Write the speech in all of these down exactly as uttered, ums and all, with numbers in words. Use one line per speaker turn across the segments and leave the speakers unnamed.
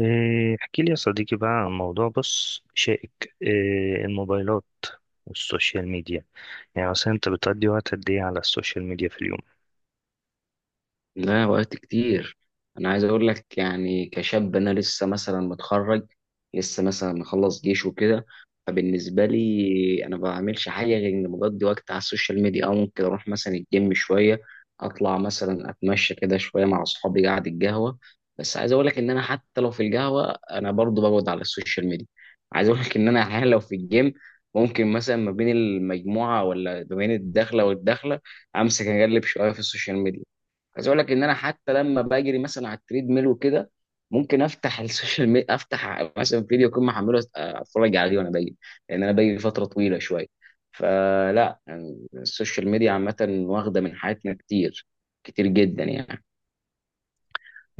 إيه، احكي لي يا صديقي بقى عن موضوع بص شائك إيه، الموبايلات والسوشيال ميديا. يعني مثلا انت بتقضي وقت قد ايه على السوشيال ميديا في اليوم؟
لا، وقت كتير. انا عايز اقول لك يعني كشاب انا لسه مثلا متخرج، لسه مثلا مخلص جيش وكده. فبالنسبه لي انا ما بعملش حاجه غير اني بقضي وقت على السوشيال ميديا، او ممكن اروح مثلا الجيم شويه، اطلع مثلا اتمشى كده شويه مع اصحابي قاعد القهوه. بس عايز اقول لك ان انا حتى لو في القهوه انا برضو بقعد على السوشيال ميديا. عايز اقول لك ان انا احيانا لو في الجيم، ممكن مثلا ما بين المجموعه ولا ما بين الدخله والدخله امسك اقلب شويه في السوشيال ميديا. عايز اقول لك ان انا حتى لما بجري مثلا على التريد ميل وكده، ممكن افتح السوشيال ميديا، افتح مثلا فيديو اكون محمله أس- اتفرج عليه وانا بجري. لان انا بجري فتره طويله شويه. فلا، يعني السوشيال ميديا عامه واخده من حياتنا كتير، كتير جدا يعني.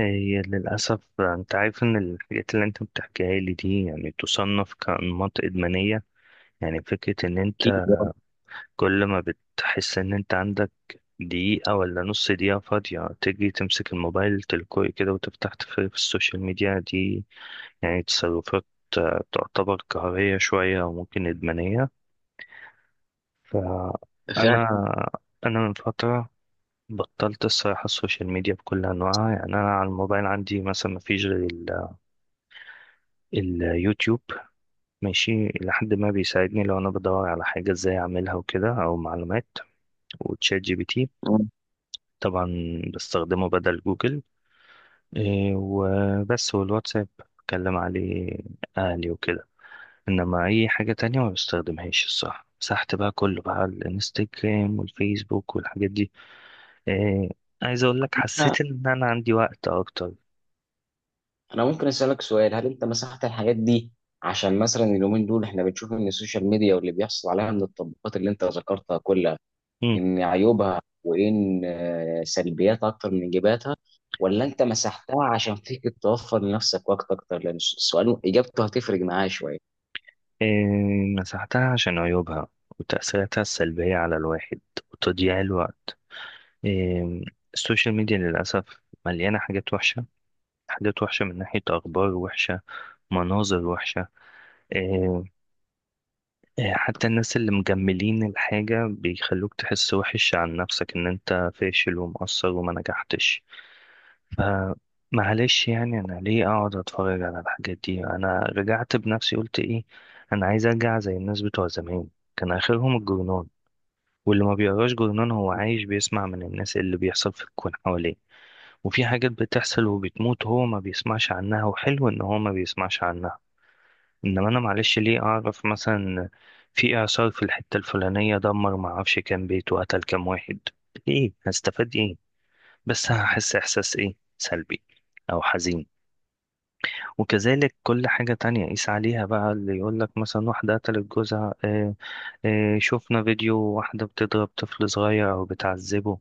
آه، هي للأسف انت عارف ان الحاجات اللي انت بتحكيها لي دي يعني تصنف كأنماط إدمانية. يعني فكرة ان
اكيد.
انت كل ما بتحس ان انت عندك دقيقة ولا نص دقيقة فاضية تجي تمسك الموبايل تلقائي كده وتفتح تفرج في السوشيال ميديا دي، يعني تصرفات آه، تعتبر قهرية شوية وممكن إدمانية. فأنا
آه، فعلا.
أنا من فترة بطلت الصراحة السوشيال ميديا بكل أنواعها، يعني أنا على الموبايل عندي مثلا مفيش غير ال- اليوتيوب، ماشي لحد ما بيساعدني لو أنا بدور على حاجة إزاي أعملها وكده أو معلومات، وتشات جي بي تي
آه.
طبعا بستخدمه بدل جوجل، إيه وبس، والواتساب بكلم عليه أهلي وكده. إنما أي حاجة تانية ما بستخدمهاش الصراحة، مسحت بقى كله بقى الانستجرام والفيسبوك والحاجات دي. إيه، عايز اقول لك
انا
حسيت ان انا عندي وقت اكتر.
أنا ممكن اسالك سؤال، هل انت مسحت الحاجات دي عشان مثلا اليومين دول احنا بنشوف ان السوشيال ميديا واللي بيحصل عليها من التطبيقات اللي انت ذكرتها كلها
مم.
ان عيوبها وان آه، سلبياتها اكتر من ايجاباتها، ولا انت مسحتها عشان فيك توفر لنفسك وقت اكتر؟ لان السؤال اجابته هتفرق معايا شويه.
إيه، مسحتها عشان عيوبها وتأثيراتها السلبية على الواحد وتضييع الوقت. إيه، السوشيال ميديا للأسف مليانة حاجات وحشة، حاجات وحشة من ناحية أخبار وحشة، مناظر وحشة. إيه، إيه حتى الناس اللي مجملين الحاجة بيخلوك تحس وحش عن نفسك، إن أنت فاشل ومقصر وما نجحتش. آه، معلش يعني انا ليه اقعد اتفرج على الحاجات دي. انا رجعت بنفسي قلت ايه، انا عايز ارجع زي الناس بتوع زمان. كان اخرهم الجرنان، واللي ما بيقراش جرنان هو عايش بيسمع من الناس اللي بيحصل في الكون حواليه. وفي حاجات بتحصل وبتموت هو ما بيسمعش عنها، وحلو ان هو ما بيسمعش عنها. انما انا معلش ليه اعرف مثلا في اعصار في الحتة الفلانية دمر ما اعرفش كام بيت وقتل كام واحد. ايه هستفاد ايه؟ بس هحس احساس ايه، سلبي او حزين. وكذلك كل حاجة تانية قيس عليها بقى، اللي يقول لك مثلا واحدة قتلت جوزها، آه، آه، شفنا فيديو واحدة بتضرب طفل صغير أو بتعذبه.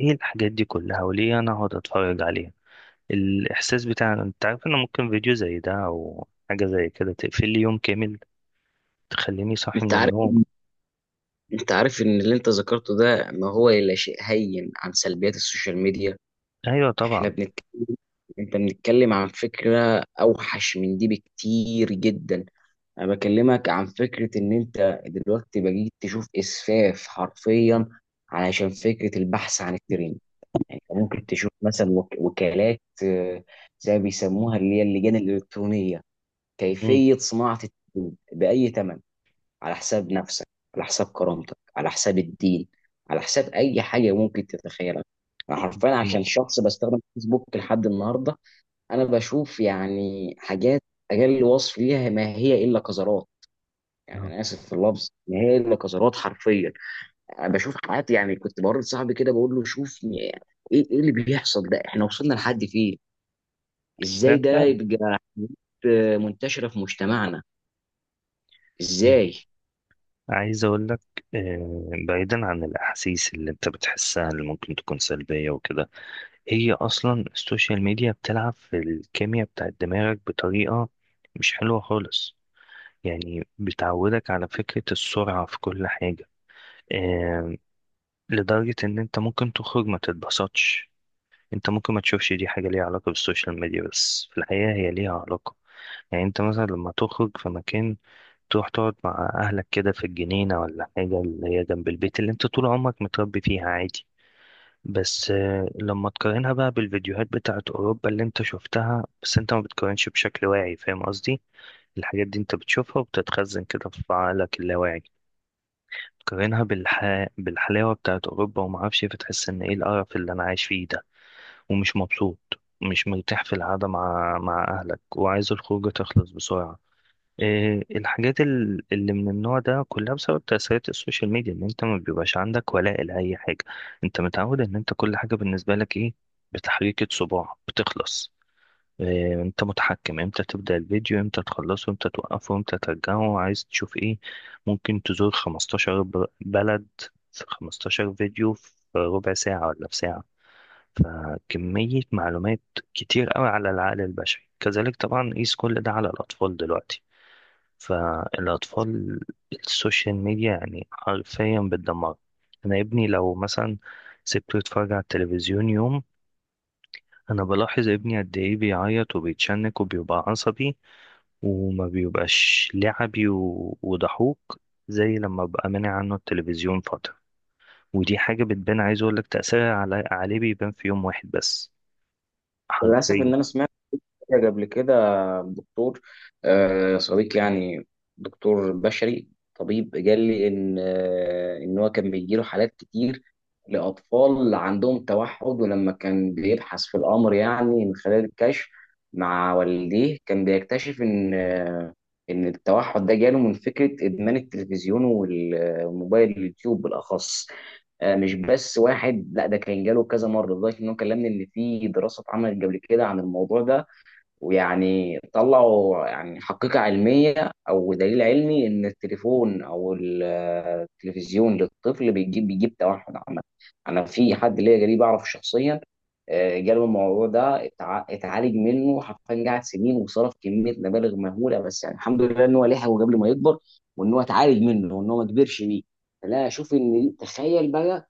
إيه الحاجات دي كلها، وليه أنا هقعد أتفرج عليها؟ الإحساس بتاع أنت عارف إن ممكن فيديو زي ده أو حاجة زي كده تقفل لي يوم كامل، تخليني صاحي
انت
من
عارف
النوم.
انت عارف ان اللي انت ذكرته ده ما هو الا شيء هين عن سلبيات السوشيال ميديا.
أيوة
احنا
طبعا.
بنتكلم انت بنتكلم عن فكره اوحش من دي بكتير جدا. انا بكلمك عن فكره ان انت دلوقتي بقيت تشوف اسفاف حرفيا علشان فكره البحث عن الترند. يعني أنت ممكن تشوف مثلا وك- وكالات، آه، زي ما بيسموها اللي هي اللجان الإلكترونية.
مم.
كيفية صناعة التدين بأي ثمن، على حساب نفسك، على حساب كرامتك، على حساب الدين، على حساب أي حاجة ممكن تتخيلها. أنا حرفيا
هي-
عشان شخص بستخدم فيسبوك لحد النهاردة، أنا بشوف يعني حاجات أقل وصف ليها ما هي إلا قذرات. يعني
آه.
أنا آسف في اللفظ، ما هي إلا قذرات حرفيا. بشوف حالات، يعني كنت بورد صاحبي كده بقول له شوف م- ايه، إيه اللي بيحصل ده؟ احنا وصلنا لحد فين؟ ازاي
لا
ده
فعلا.
يبقى؟ حاجات، آه، منتشرة في مجتمعنا،
إيه.
ازاي؟
عايز أقول لك آه، بعيدا عن الأحاسيس اللي أنت بتحسها اللي ممكن تكون سلبية وكده، هي اصلا السوشيال ميديا بتلعب في الكيمياء بتاعت دماغك بطريقة مش حلوة خالص. يعني بتعودك على فكرة السرعة في كل حاجة، آه، لدرجة ان انت ممكن تخرج ما تتبسطش. انت ممكن ما تشوفش دي حاجة ليها علاقة بالسوشيال ميديا، بس في الحقيقة هي ليها علاقة. يعني انت مثلا لما تخرج في مكان، تروح تقعد مع اهلك كده في الجنينة ولا حاجة اللي هي جنب البيت اللي انت طول عمرك متربي فيها عادي، بس آه، لما تقارنها بقى بالفيديوهات بتاعت أوروبا اللي أنت شفتها، بس أنت ما بتقارنش بشكل واعي، فاهم قصدي؟ الحاجات دي أنت بتشوفها وبتتخزن كده في عقلك اللاواعي، تقارنها بالح... بالحلاوة بتاعت أوروبا وما أعرفش إيه، فتحس إن إيه القرف اللي أنا عايش فيه ده، ومش مبسوط ومش مرتاح في القعدة مع مع أهلك، وعايز الخروجة تخلص بسرعة. إيه، الحاجات ال- اللي من النوع ده كلها بسبب تأثيرات السوشيال ميديا، ان انت ما بيبقاش عندك ولاء لأي حاجة. انت متعود ان انت كل حاجة بالنسبة لك ايه، بتحريكة صباع بتخلص. إيه، انت متحكم امتى تبدأ الفيديو، امتى تخلصه، امتى توقفه، امتى ترجعه، عايز تشوف ايه. ممكن تزور خمستاشر ب- بلد في خمستاشر فيديو في ربع ساعة ولا في ساعة. فكمية معلومات كتير قوي على العقل البشري. كذلك طبعا قيس كل ده على الأطفال دلوقتي. فالأطفال السوشيال ميديا يعني حرفيا بتدمر. أنا ابني لو مثلا سبته يتفرج على التلفزيون يوم، أنا بلاحظ ابني قد إيه بيعيط وبيتشنك وبيبقى عصبي، وما بيبقاش لعبي و- وضحوك زي لما ببقى مانع عنه التلفزيون فترة. ودي حاجة بتبان، عايز أقولك تأثيرها على عليه بيبان في يوم واحد بس،
للأسف
حرفيا.
إن أنا سمعت كده قبل كده دكتور، آه، صديق يعني، دكتور بشري طبيب، قال لي ان آه، ان هو كان بيجيله حالات كتير لاطفال عندهم توحد، ولما كان بيبحث في الامر يعني من خلال الكشف مع والديه كان بيكتشف ان آه، ان التوحد ده جاله من فكره ادمان التلفزيون والموبايل، اليوتيوب بالاخص. آه، مش بس واحد، لا، ده كان جاله كذا مره، لدرجه ان هو كلمني ان في دراسه اتعملت قبل كده عن الموضوع ده، ويعني طلعوا يعني حقيقة علمية أو دليل علمي إن التليفون أو ال- التلفزيون للطفل بيجيب بيجيب توحد عامة. أنا في حد ليا قريب أعرفه شخصيا، آه، جاله الموضوع ده، اتع- اتعالج منه حرفيا، قعد سنين وصرف كمية مبالغ مهولة، بس يعني الحمد لله إن هو لحقه قبل ما يكبر وإن هو اتعالج منه وإن هو ما كبرش بيه. فلا، أشوف إن تخيل بقى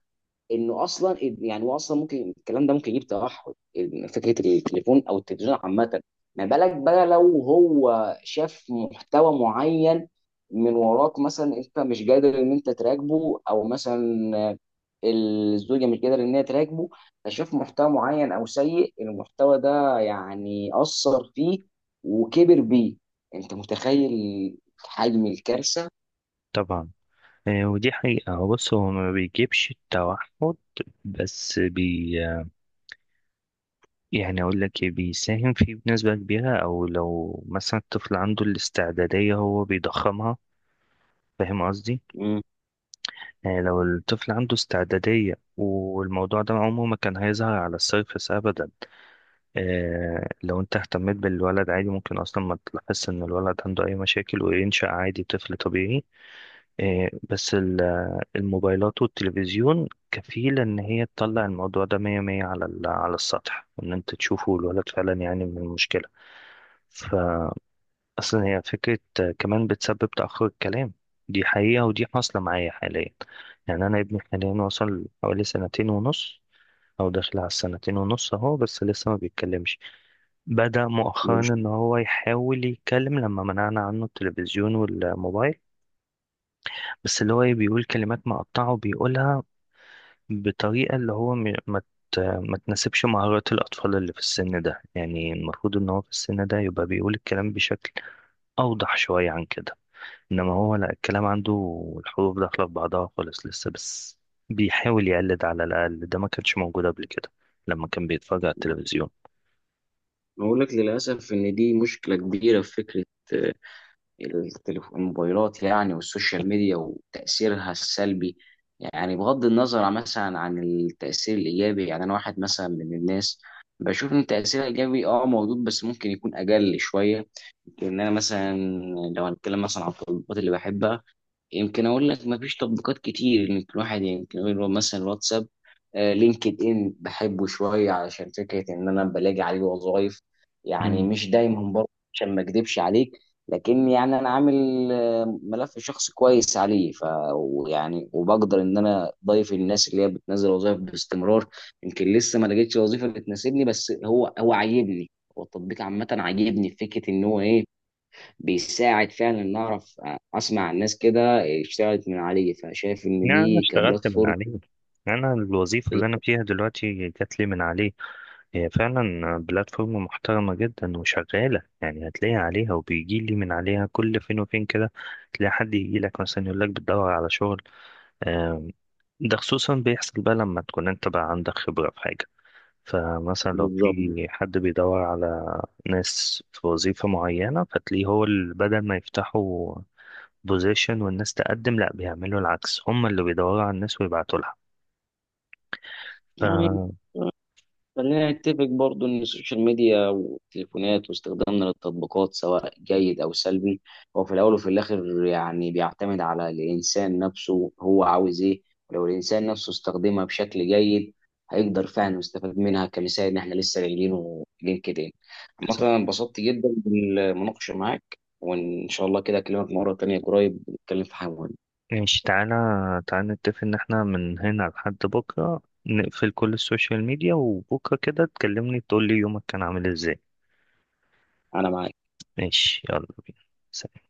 انه اصلا، يعني هو اصلا ممكن الكلام ده ممكن يجيب توحد، إن فكره التليفون او التلفزيون عامه. ما بالك بقى لو هو شاف محتوى معين من وراك، مثلا انت مش قادر ان انت تراقبه، او مثلا الزوجه مش قادره ان هي تراقبه، فشاف محتوى معين او سيء، المحتوى ده يعني اثر فيه وكبر بيه. انت متخيل حجم الكارثه؟
طبعا، آه، ودي حقيقة. بص هو ما بيجيبش التوحد، بس بي يعني أقول لك إيه، بيساهم فيه بنسبة كبيرة. أو لو مثلا الطفل عنده الاستعدادية هو بيضخمها، فاهم قصدي؟
مم.
يعني لو الطفل عنده استعدادية والموضوع ده عمره ما كان هيظهر على السيرفس أبدا. آه لو أنت اهتميت بالولد عادي ممكن أصلا ما تلاحظش إن الولد عنده أي مشاكل وينشأ عادي طفل طبيعي. آه بس ال- الموبايلات والتلفزيون كفيلة إن هي تطلع الموضوع ده مية مية على ال- على السطح، وإن أنت تشوفه الولد فعلا يعني من المشكلة. فأصلا هي فكرة كمان بتسبب تأخر الكلام. دي حقيقة ودي حاصلة معايا حاليا. يعني أنا ابني حاليا وصل حوالي سنتين ونص، أو داخل على السنتين ونص أهو، بس لسه ما بيتكلمش. بدأ مؤخرا
مش-
إن هو يحاول يتكلم لما منعنا عنه التلفزيون والموبايل، بس اللي هو إيه بيقول كلمات مقطعة، وبيقولها بطريقة اللي هو م- ما ت- ما تناسبش مهارات الأطفال اللي في السن ده. يعني المفروض إن هو في السن ده يبقى بيقول الكلام بشكل أوضح شوية عن كده، إنما هو لا، الكلام عنده الحروف داخلة في بعضها خالص لسه، بس بيحاول يقلد على الأقل. ده ما كانش موجود قبل كده لما كان بيتفرج على التلفزيون.
بقول لك للاسف ان دي مشكله كبيره في فكره التليف- الموبايلات يعني، والسوشيال ميديا وتأثيرها السلبي. يعني بغض النظر عن- مثلا عن التأثير الإيجابي، يعني أنا واحد مثلا من الناس بشوف إن التأثير الإيجابي أه موجود، بس ممكن يكون أقل شوية. لأن أنا مثلا لو هنتكلم مثلا عن التطبيقات اللي بحبها، يمكن اقول لك مفيش تطبيقات كتير، يمكن الواحد يمكن يقول مثلا الواتساب، آه، لينكد ان بحبه شويه علشان فكره ان انا بلاقي عليه وظائف. يعني
مم.
مش دايما برضه، عشان ما اكدبش عليك، لكن يعني انا عامل آه، ملف شخصي كويس عليه، ف ويعني وبقدر ان انا ضايف الناس اللي هي بتنزل وظائف باستمرار. يمكن لسه ما لقيتش وظيفه اللي تناسبني، بس هو هو عاجبني، هو التطبيق عامه عاجبني في فكره ان هو ايه، بيساعد فعلا ان اعرف، آه، اسمع عن ناس كده اشتغلت من عليه، فشايف ان
يعني أنا
دي
اشتغلت من
كبلاتفورم.
عليه، أنا الوظيفة اللي أنا فيها دلوقتي جات لي من عليه. هي فعلا بلاتفورم محترمة جدا وشغالة، يعني هتلاقي عليها وبيجي لي من عليها كل فين وفين كده، تلاقي حد يجي لك مثلا يقول لك بتدور على شغل. آم، ده خصوصا بيحصل بقى لما تكون انت بقى عندك خبرة في حاجة. فمثلا لو
بالظبط.
في حد بيدور على ناس في وظيفة معينة، فتلاقيه هو ال- بدل ما يفتحوا بوزيشن والناس تقدم، لا بيعملوا العكس، هم اللي بيدوروا على الناس ويبعتوا لها.
يعني
ف
خلينا نتفق برضو ان السوشيال ميديا والتليفونات واستخدامنا للتطبيقات سواء جيد او سلبي، هو في الاول وفي الاخر يعني بيعتمد على الانسان نفسه، هو عاوز ايه. ولو الانسان نفسه استخدمها بشكل جيد هيقدر فعلا يستفاد منها، كمثال ان احنا لسه قايلينه لينكد ان. عامة
صح،
انا انبسطت جدا بالمناقشة معاك، وان شاء الله كده اكلمك مرة تانية قريب نتكلم في حاجة مهمة.
ماشي، تعالى تعالى نتفق ان احنا من هنا لحد بكرة نقفل كل السوشيال ميديا، وبكرة كده تكلمني تقول لي يومك كان عامل ازاي.
انا معاك.
ماشي يلا بينا. سلام.